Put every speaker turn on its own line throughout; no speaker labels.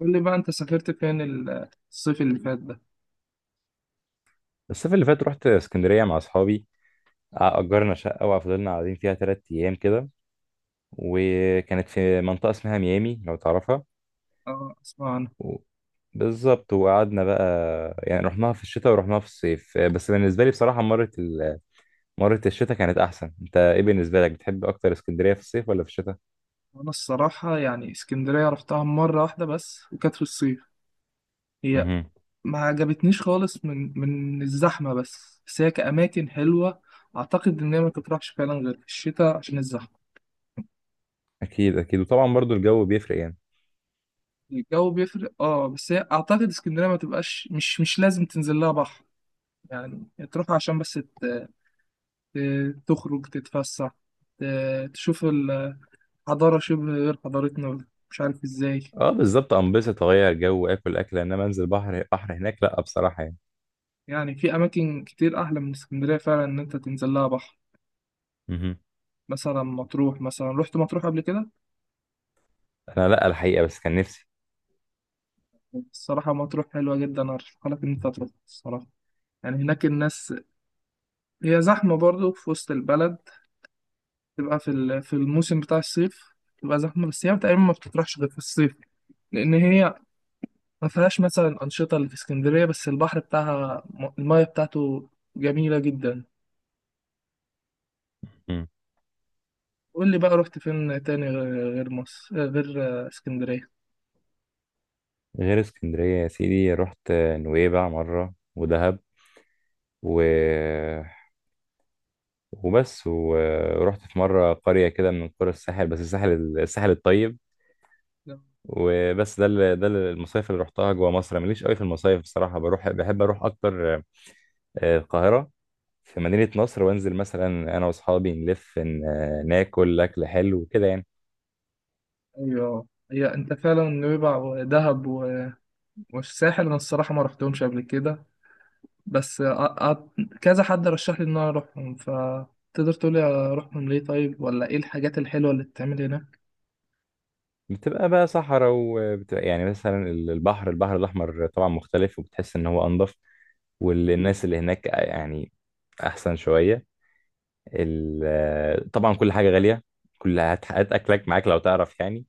قول لي بقى انت سافرت فين الصيف اللي فات ده.
الصيف اللي فات رحت اسكندرية مع أصحابي. أجرنا شقة وفضلنا قاعدين فيها تلات أيام كده، وكانت في منطقة اسمها ميامي لو تعرفها.
اه اسمع عنها.
و... بالظبط، وقعدنا بقى، يعني رحناها في الشتاء ورحناها في الصيف، بس بالنسبة لي بصراحة مرة الشتاء كانت أحسن. أنت إيه بالنسبة لك، بتحب أكتر اسكندرية في الصيف ولا في الشتاء؟
وانا الصراحة يعني اسكندرية رحتها مرة واحدة بس وكانت في الصيف. هي
مهم.
ما عجبتنيش خالص من الزحمة بس هي كأماكن حلوة. اعتقد ان هي ما تطرحش فعلا غير في الشتاء عشان الزحمة.
أكيد أكيد، وطبعا برضو الجو بيفرق يعني.
الجو بيفرق اه، بس هي اعتقد اسكندرية ما تبقاش مش لازم تنزل لها بحر، يعني تروح عشان بس تخرج تتفسح، تشوف الحضارة شبه غير حضارتنا، مش عارف ازاي.
أه بالظبط، أنبسط أغير جو وآكل أكلة، إنما أنزل بحر، بحر هناك لأ بصراحة يعني.
يعني في أماكن كتير أحلى من اسكندرية فعلا إن أنت تنزل لها بحر.
مهم.
مثلا مطروح، مثلا رحت مطروح قبل كده.
أنا لأ الحقيقة، بس كان نفسي.
الصراحة مطروح حلوة جدا، أرشحها لك إن أنت تروح الصراحة. يعني هناك الناس، هي زحمة برضو في وسط البلد، تبقى في الموسم بتاع الصيف تبقى زحمة، بس هي تقريبا ما بتطرحش غير في الصيف، لأن هي ما فيهاش مثلا أنشطة اللي في اسكندرية، بس البحر بتاعها، المايه بتاعته جميلة جدا. قول لي بقى رحت فين تاني غير مصر، غير اسكندرية؟
غير اسكندرية يا سيدي رحت نويبع مرة ودهب و... وبس. ورحت في مرة قرية كده من قرى الساحل، بس الساحل الطيب. وبس، ده المصايف اللي رحتها جوا مصر. أنا ماليش قوي في المصايف بصراحة، بروح بحب أروح أكتر القاهرة، في مدينة نصر، وأنزل مثلا أنا وأصحابي نلف ن... آه، ناكل أكل حلو كده يعني.
ايوه، هي انت فعلا نويبع ودهب والساحل انا الصراحه ما رحتهمش قبل كده، بس كذا حد رشح لي ان انا اروحهم، فتقدر تقولي اروحهم ليه طيب، ولا ايه الحاجات الحلوه اللي بتتعمل هناك؟
بتبقى بقى صحراء، وبتبقى يعني مثلا البحر، البحر الأحمر طبعا مختلف، وبتحس إن هو أنضف. والناس اللي هناك يعني احسن شويه. طبعا كل حاجه غاليه، كل هات هات اكلك معاك لو تعرف يعني.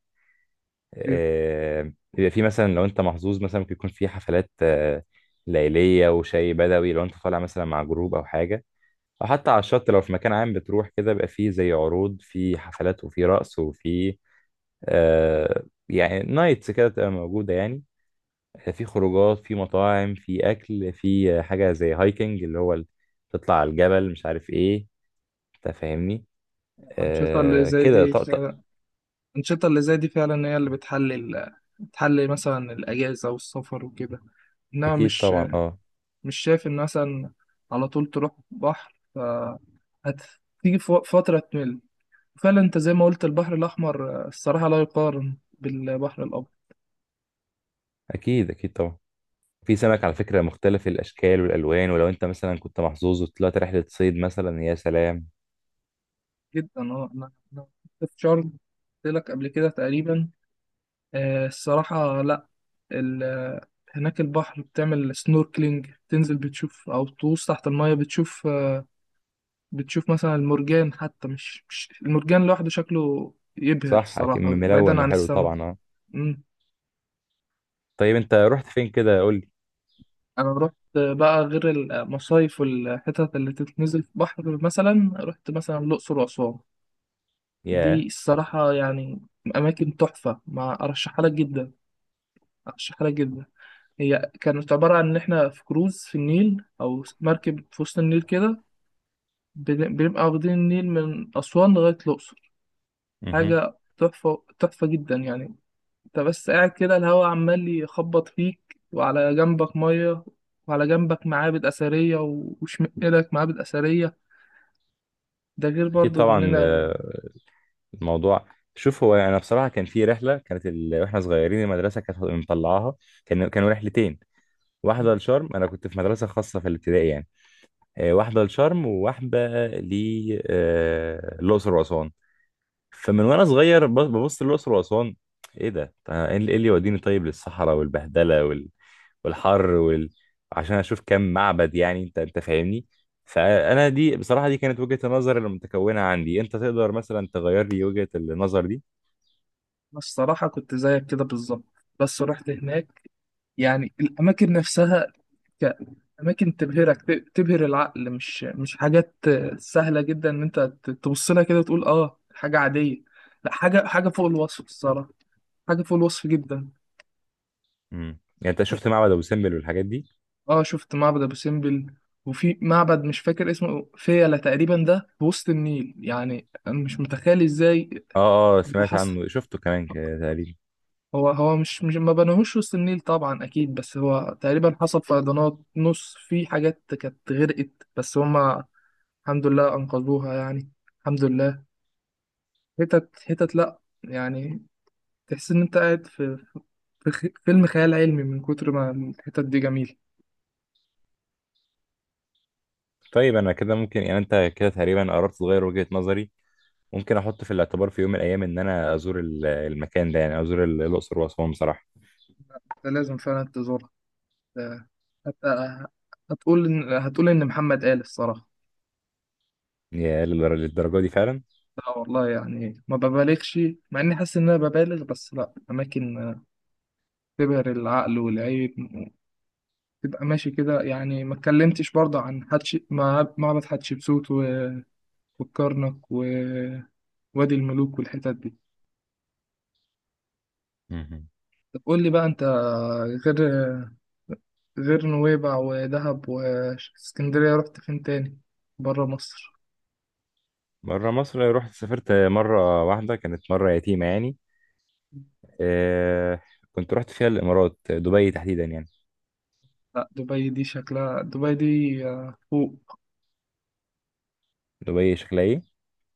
طيب،
بيبقى في مثلا لو انت محظوظ مثلا ممكن يكون في حفلات ليليه، وشاي بدوي لو انت طالع مثلا مع جروب او حاجه، او حتى على الشط لو في مكان عام بتروح كده، بيبقى فيه زي عروض في حفلات وفي رقص وفي يعني نايتس كده تبقى موجوده يعني. في خروجات في مطاعم في اكل، في حاجه زي هايكنج اللي هو تطلع على الجبل، مش عارف ايه، انت فاهمني.
الانشطه اللي
آه
زي
كده
دي
ط- ط-
فعلا، الانشطه اللي زي دي فعلا هي اللي بتحلي مثلا الاجازه والسفر وكده، انما
اكيد
مش،
طبعا اه.
مش شايف ان مثلا على طول تروح بحر ف هتيجي في فتره تمل. فعلا انت زي ما قلت البحر الاحمر آه، الصراحه لا يقارن بالبحر الابيض.
اكيد اكيد طبعا. في سمك على فكره مختلف الاشكال والالوان، ولو انت مثلا كنت محظوظ وطلعت رحله صيد مثلا يا سلام.
جدا اه، انا كنت في شرم، قلت لك قبل كده تقريبا. آه، الصراحه لا. ال- آه، هناك البحر بتعمل سنوركلينج، تنزل بتشوف او تغوص تحت المايه بتشوف آه، بتشوف مثلا المرجان، حتى مش المرجان لوحده شكله يبهر
صح اكيد،
الصراحه
ملون
بعيدا عن
وحلو
السماء.
طبعا اه.
مم.
طيب انت رحت فين كده قول لي.
انا رحت بقى غير المصايف والحتت اللي تتنزل في بحر، مثلا رحت مثلا الاقصر واسوان. دي
ياه.
الصراحة يعني أماكن تحفة، ما أرشحها لك جدا، أرشحها لك جدا. هي كانت عبارة عن إن إحنا في كروز في النيل، أو مركب في وسط النيل كده، بنبقى واخدين النيل من أسوان لغاية الأقصر.
مهم.
حاجة تحفة، تحفة جدا يعني. أنت بس قاعد كده، الهوا عمال يخبط فيك، وعلى جنبك مية، وعلى جنبك معابد أثرية وشمال إيدك معابد أثرية. ده غير
اكيد
برضو
طبعا
إننا
الموضوع. شوف، هو انا بصراحه كان في رحله، واحنا صغيرين المدرسه كانت مطلعاها. كانوا رحلتين، واحده لشرم، انا كنت في مدرسه خاصه في الابتدائي يعني. واحده لشرم وواحده للاقصر واسوان. فمن وانا صغير ببص للاقصر واسوان، ايه ده؟ طب ايه اللي إيه اللي يوديني طيب للصحراء والبهدله والحر عشان اشوف كام معبد يعني، انت فاهمني. فانا دي بصراحه دي كانت وجهه النظر المتكونه عندي، انت تقدر مثلا تغير لي وجهه النظر دي؟
الصراحة كنت زيك كده بالظبط، بس رحت هناك. يعني الأماكن نفسها كأماكن تبهرك، تبهر العقل، مش حاجات سهلة جدا إن أنت تبص لها كده وتقول آه حاجة عادية. لا حاجة، فوق الوصف الصراحة، حاجة فوق الوصف جدا.
يعني انت شفت معبد ابو سمبل والحاجات دي.
آه شفت معبد أبو سمبل، وفي معبد مش فاكر اسمه، فيلة تقريبا، ده في وسط النيل يعني أنا مش متخيل إزاي.
اه
هو
سمعت
حصل،
عنه، شفته كمان كده تقريبا.
هو مش ما بناهوش وسط النيل طبعا اكيد، بس هو تقريبا حصل فيضانات، نص في حاجات كانت غرقت، بس هما الحمد لله انقذوها يعني، الحمد لله. هتت هتت لا يعني، تحس ان انت قاعد في فيلم خيال علمي من كتر ما الحتت دي جميله.
طيب انا كده ممكن، يعني انت كده تقريبا قربت تغير وجهة نظري. ممكن احط في الاعتبار في يوم من الايام ان انا ازور المكان ده، يعني ازور الاقصر واسوان بصراحه.
ده لازم فعلا تزورها. ده هت- هتقول ان محمد قال الصراحه.
يا للدرجه دي فعلا.
لا والله يعني ما ببالغش، مع اني حاسس ان انا ببالغ، بس لا، اماكن تبهر العقل والعين. تبقى ماشي كده، يعني ما اتكلمتش برضه عن معبد حتشبسوت والكرنك ووادي الملوك والحتت دي.
مهم.
طب قول لي بقى انت، غير نويبع ودهب واسكندرية، رحت فين تاني برا مصر؟
بره مصر رحت، سافرت مره واحده كانت مره يتيمه يعني. آه، كنت رحت فيها الامارات، دبي تحديدا يعني.
لا دبي دي شكلها، دبي دي آه، فوق.
دبي شكلها ايه؟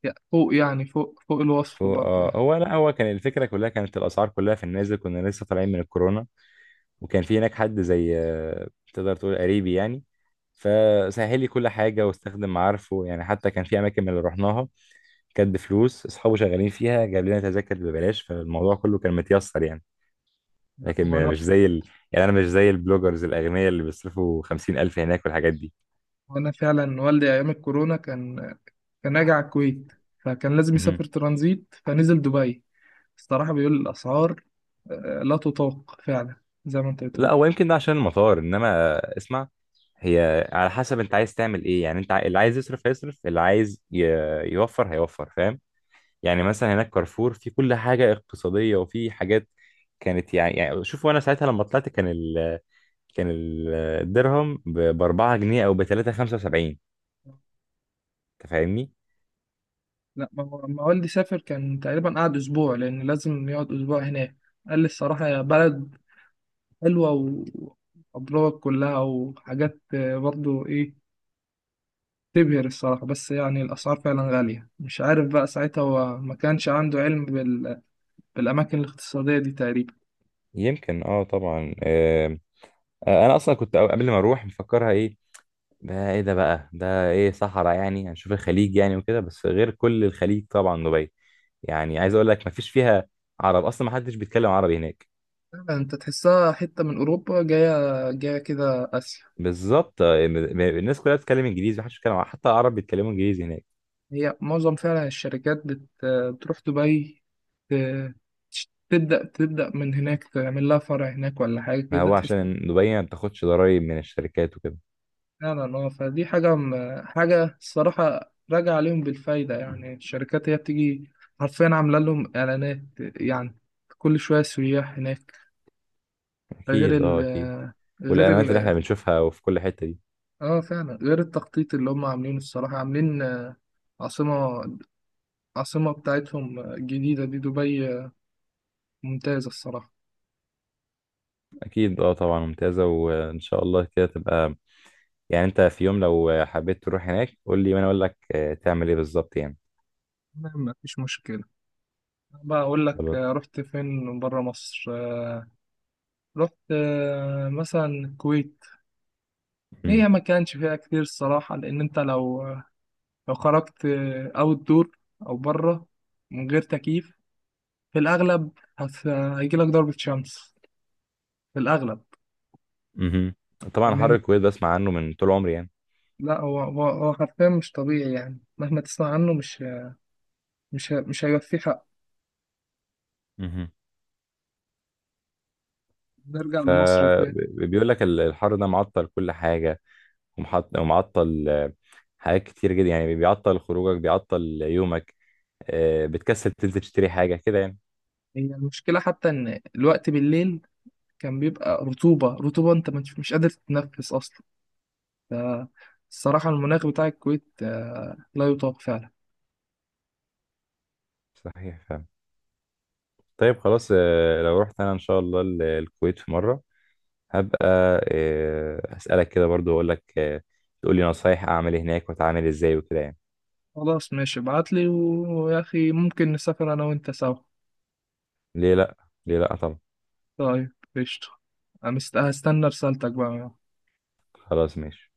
فوق يعني، فوق الوصف
فهو-
برضه يعني.
آه، هو لا هو كان الفكره كلها، كانت الاسعار كلها في النازل، كنا لسه طالعين من الكورونا. وكان في هناك حد زي تقدر تقول قريبي يعني، فسهل لي كل حاجة واستخدم معارفه. يعني حتى كان في أماكن من اللي رحناها كانت بفلوس أصحابه شغالين فيها، جاب لنا تذاكر ببلاش، فالموضوع كله كان متيسر يعني.
لا
لكن
هو انا،
مش زي ال... يعني أنا مش زي البلوجرز الأغنياء اللي بيصرفوا 50 ألف هناك والحاجات دي.
وانا فعلا والدي ايام الكورونا كان، كان راجع على الكويت، فكان لازم
مهم.
يسافر ترانزيت فنزل دبي. الصراحة بيقول الاسعار آه، لا تطاق فعلا، زي ما انت
لا
بتقول.
هو يمكن ده عشان المطار. إنما اسمع، هي على حسب أنت عايز تعمل إيه يعني. أنت اللي عايز يصرف هيصرف، اللي عايز يوفر هيوفر، فاهم؟ يعني مثلا هناك كارفور، في كل حاجة اقتصادية، وفي حاجات كانت يعني شوف، وانا ساعتها لما طلعت كان الدرهم ب 4 جنيه او ب 3.75، انت فاهمني؟
لا ما هو لما والدي سافر كان تقريبا قعد اسبوع، لان لازم يقعد اسبوع هناك. قال لي الصراحه، يا بلد حلوه وابراج كلها وحاجات آه، برضو ايه، تبهر الصراحه، بس يعني الاسعار فعلا غاليه. مش عارف بقى ساعتها هو ما كانش عنده علم بالاماكن الاقتصاديه دي تقريبا.
يمكن اه طبعا آه. انا اصلا كنت قبل ما اروح مفكرها ايه ده، ايه ده بقى ده ايه؟ صحراء يعني هنشوف الخليج يعني وكده، بس غير كل الخليج طبعا دبي. يعني عايز اقول لك مفيش فيها عرب اصلا، ما حدش بيتكلم عربي هناك.
آه، انت تحسها حته من اوروبا، جايه كده اسيا.
بالظبط، الناس كلها بتتكلم انجليزي، محدش بيتكلم عربي، حتى العرب بيتكلموا انجليزي هناك.
هي معظم فعلا الشركات بتروح دبي، ت- تبدأ، تبدأ من هناك، تعمل لها فرع هناك ولا حاجة
ما
كده
هو
تحس.
عشان دبي ما بتاخدش ضرايب من الشركات وكده.
فعلا اه، فدي حاجة حاجة الصراحة راجع عليهم بالفايدة يعني. الشركات هي بتيجي حرفيا عاملة لهم إعلانات يعني، كل شوية سياح هناك. غير
اكيد
ال
اه اكيد.
غير
والاعلانات اللي
ال
احنا بنشوفها وفي كل حتة دي.
اه فعلا غير التخطيط اللي هم عاملينه، الصراحة عاملين آه، عاصمة، عاصمة بتاعتهم جديدة دي، دبي آه، ممتازة الصراحة.
اكيد اه طبعا، ممتازة، وان شاء الله كده تبقى. يعني انت في يوم لو حبيت تروح هناك قول لي، وانا اقول لك تعمل ايه بالظبط يعني.
ما فيش مشكلة. بقى أقول لك
خلاص.
آه، رحت فين برا مصر. آه، رحت آه، مثلا الكويت.
مم.
هي ما كانش فيها كتير الصراحة، لأن أنت لو آه، لو خرجت أوت دور، أو برا من غير تكييف في الأغلب هيجيلك ضربة شمس في الأغلب.
مهم. طبعا
لأن
حر
أنت-
الكويت بسمع عنه من طول عمري يعني.
لا هو، هو حرفيا مش طبيعي يعني، مهما تسمع عنه مش هيوفيه حق.
مهم.
نرجع لمصر تاني.
فبيقول لك الحر ده معطل كل حاجة، ومعطل حاجات كتير جدا يعني، بيعطل خروجك بيعطل يومك. بتكسل تنزل تشتري حاجة كده يعني.
هي المشكلة حتى إن الوقت بالليل كان بيبقى رطوبة، رطوبة أنت مش قادر تتنفس أصلا. فالصراحة المناخ بتاع الكويت آه، لا يطاق فعلا.
صحيح فعلا. طيب خلاص، لو رحت انا ان شاء الله الكويت في مره هبقى اسالك كده برضو، اقول لك تقول لي نصايح اعمل إيه هناك، واتعامل ازاي وكده يعني.
خلاص ماشي، ابعتلي ويا أخي ممكن نسافر أنا وأنت سوا.
ليه لا، ليه لا طبعا.
طيب قشطة، أنا هستنى رسالتك بقى.
خلاص ماشي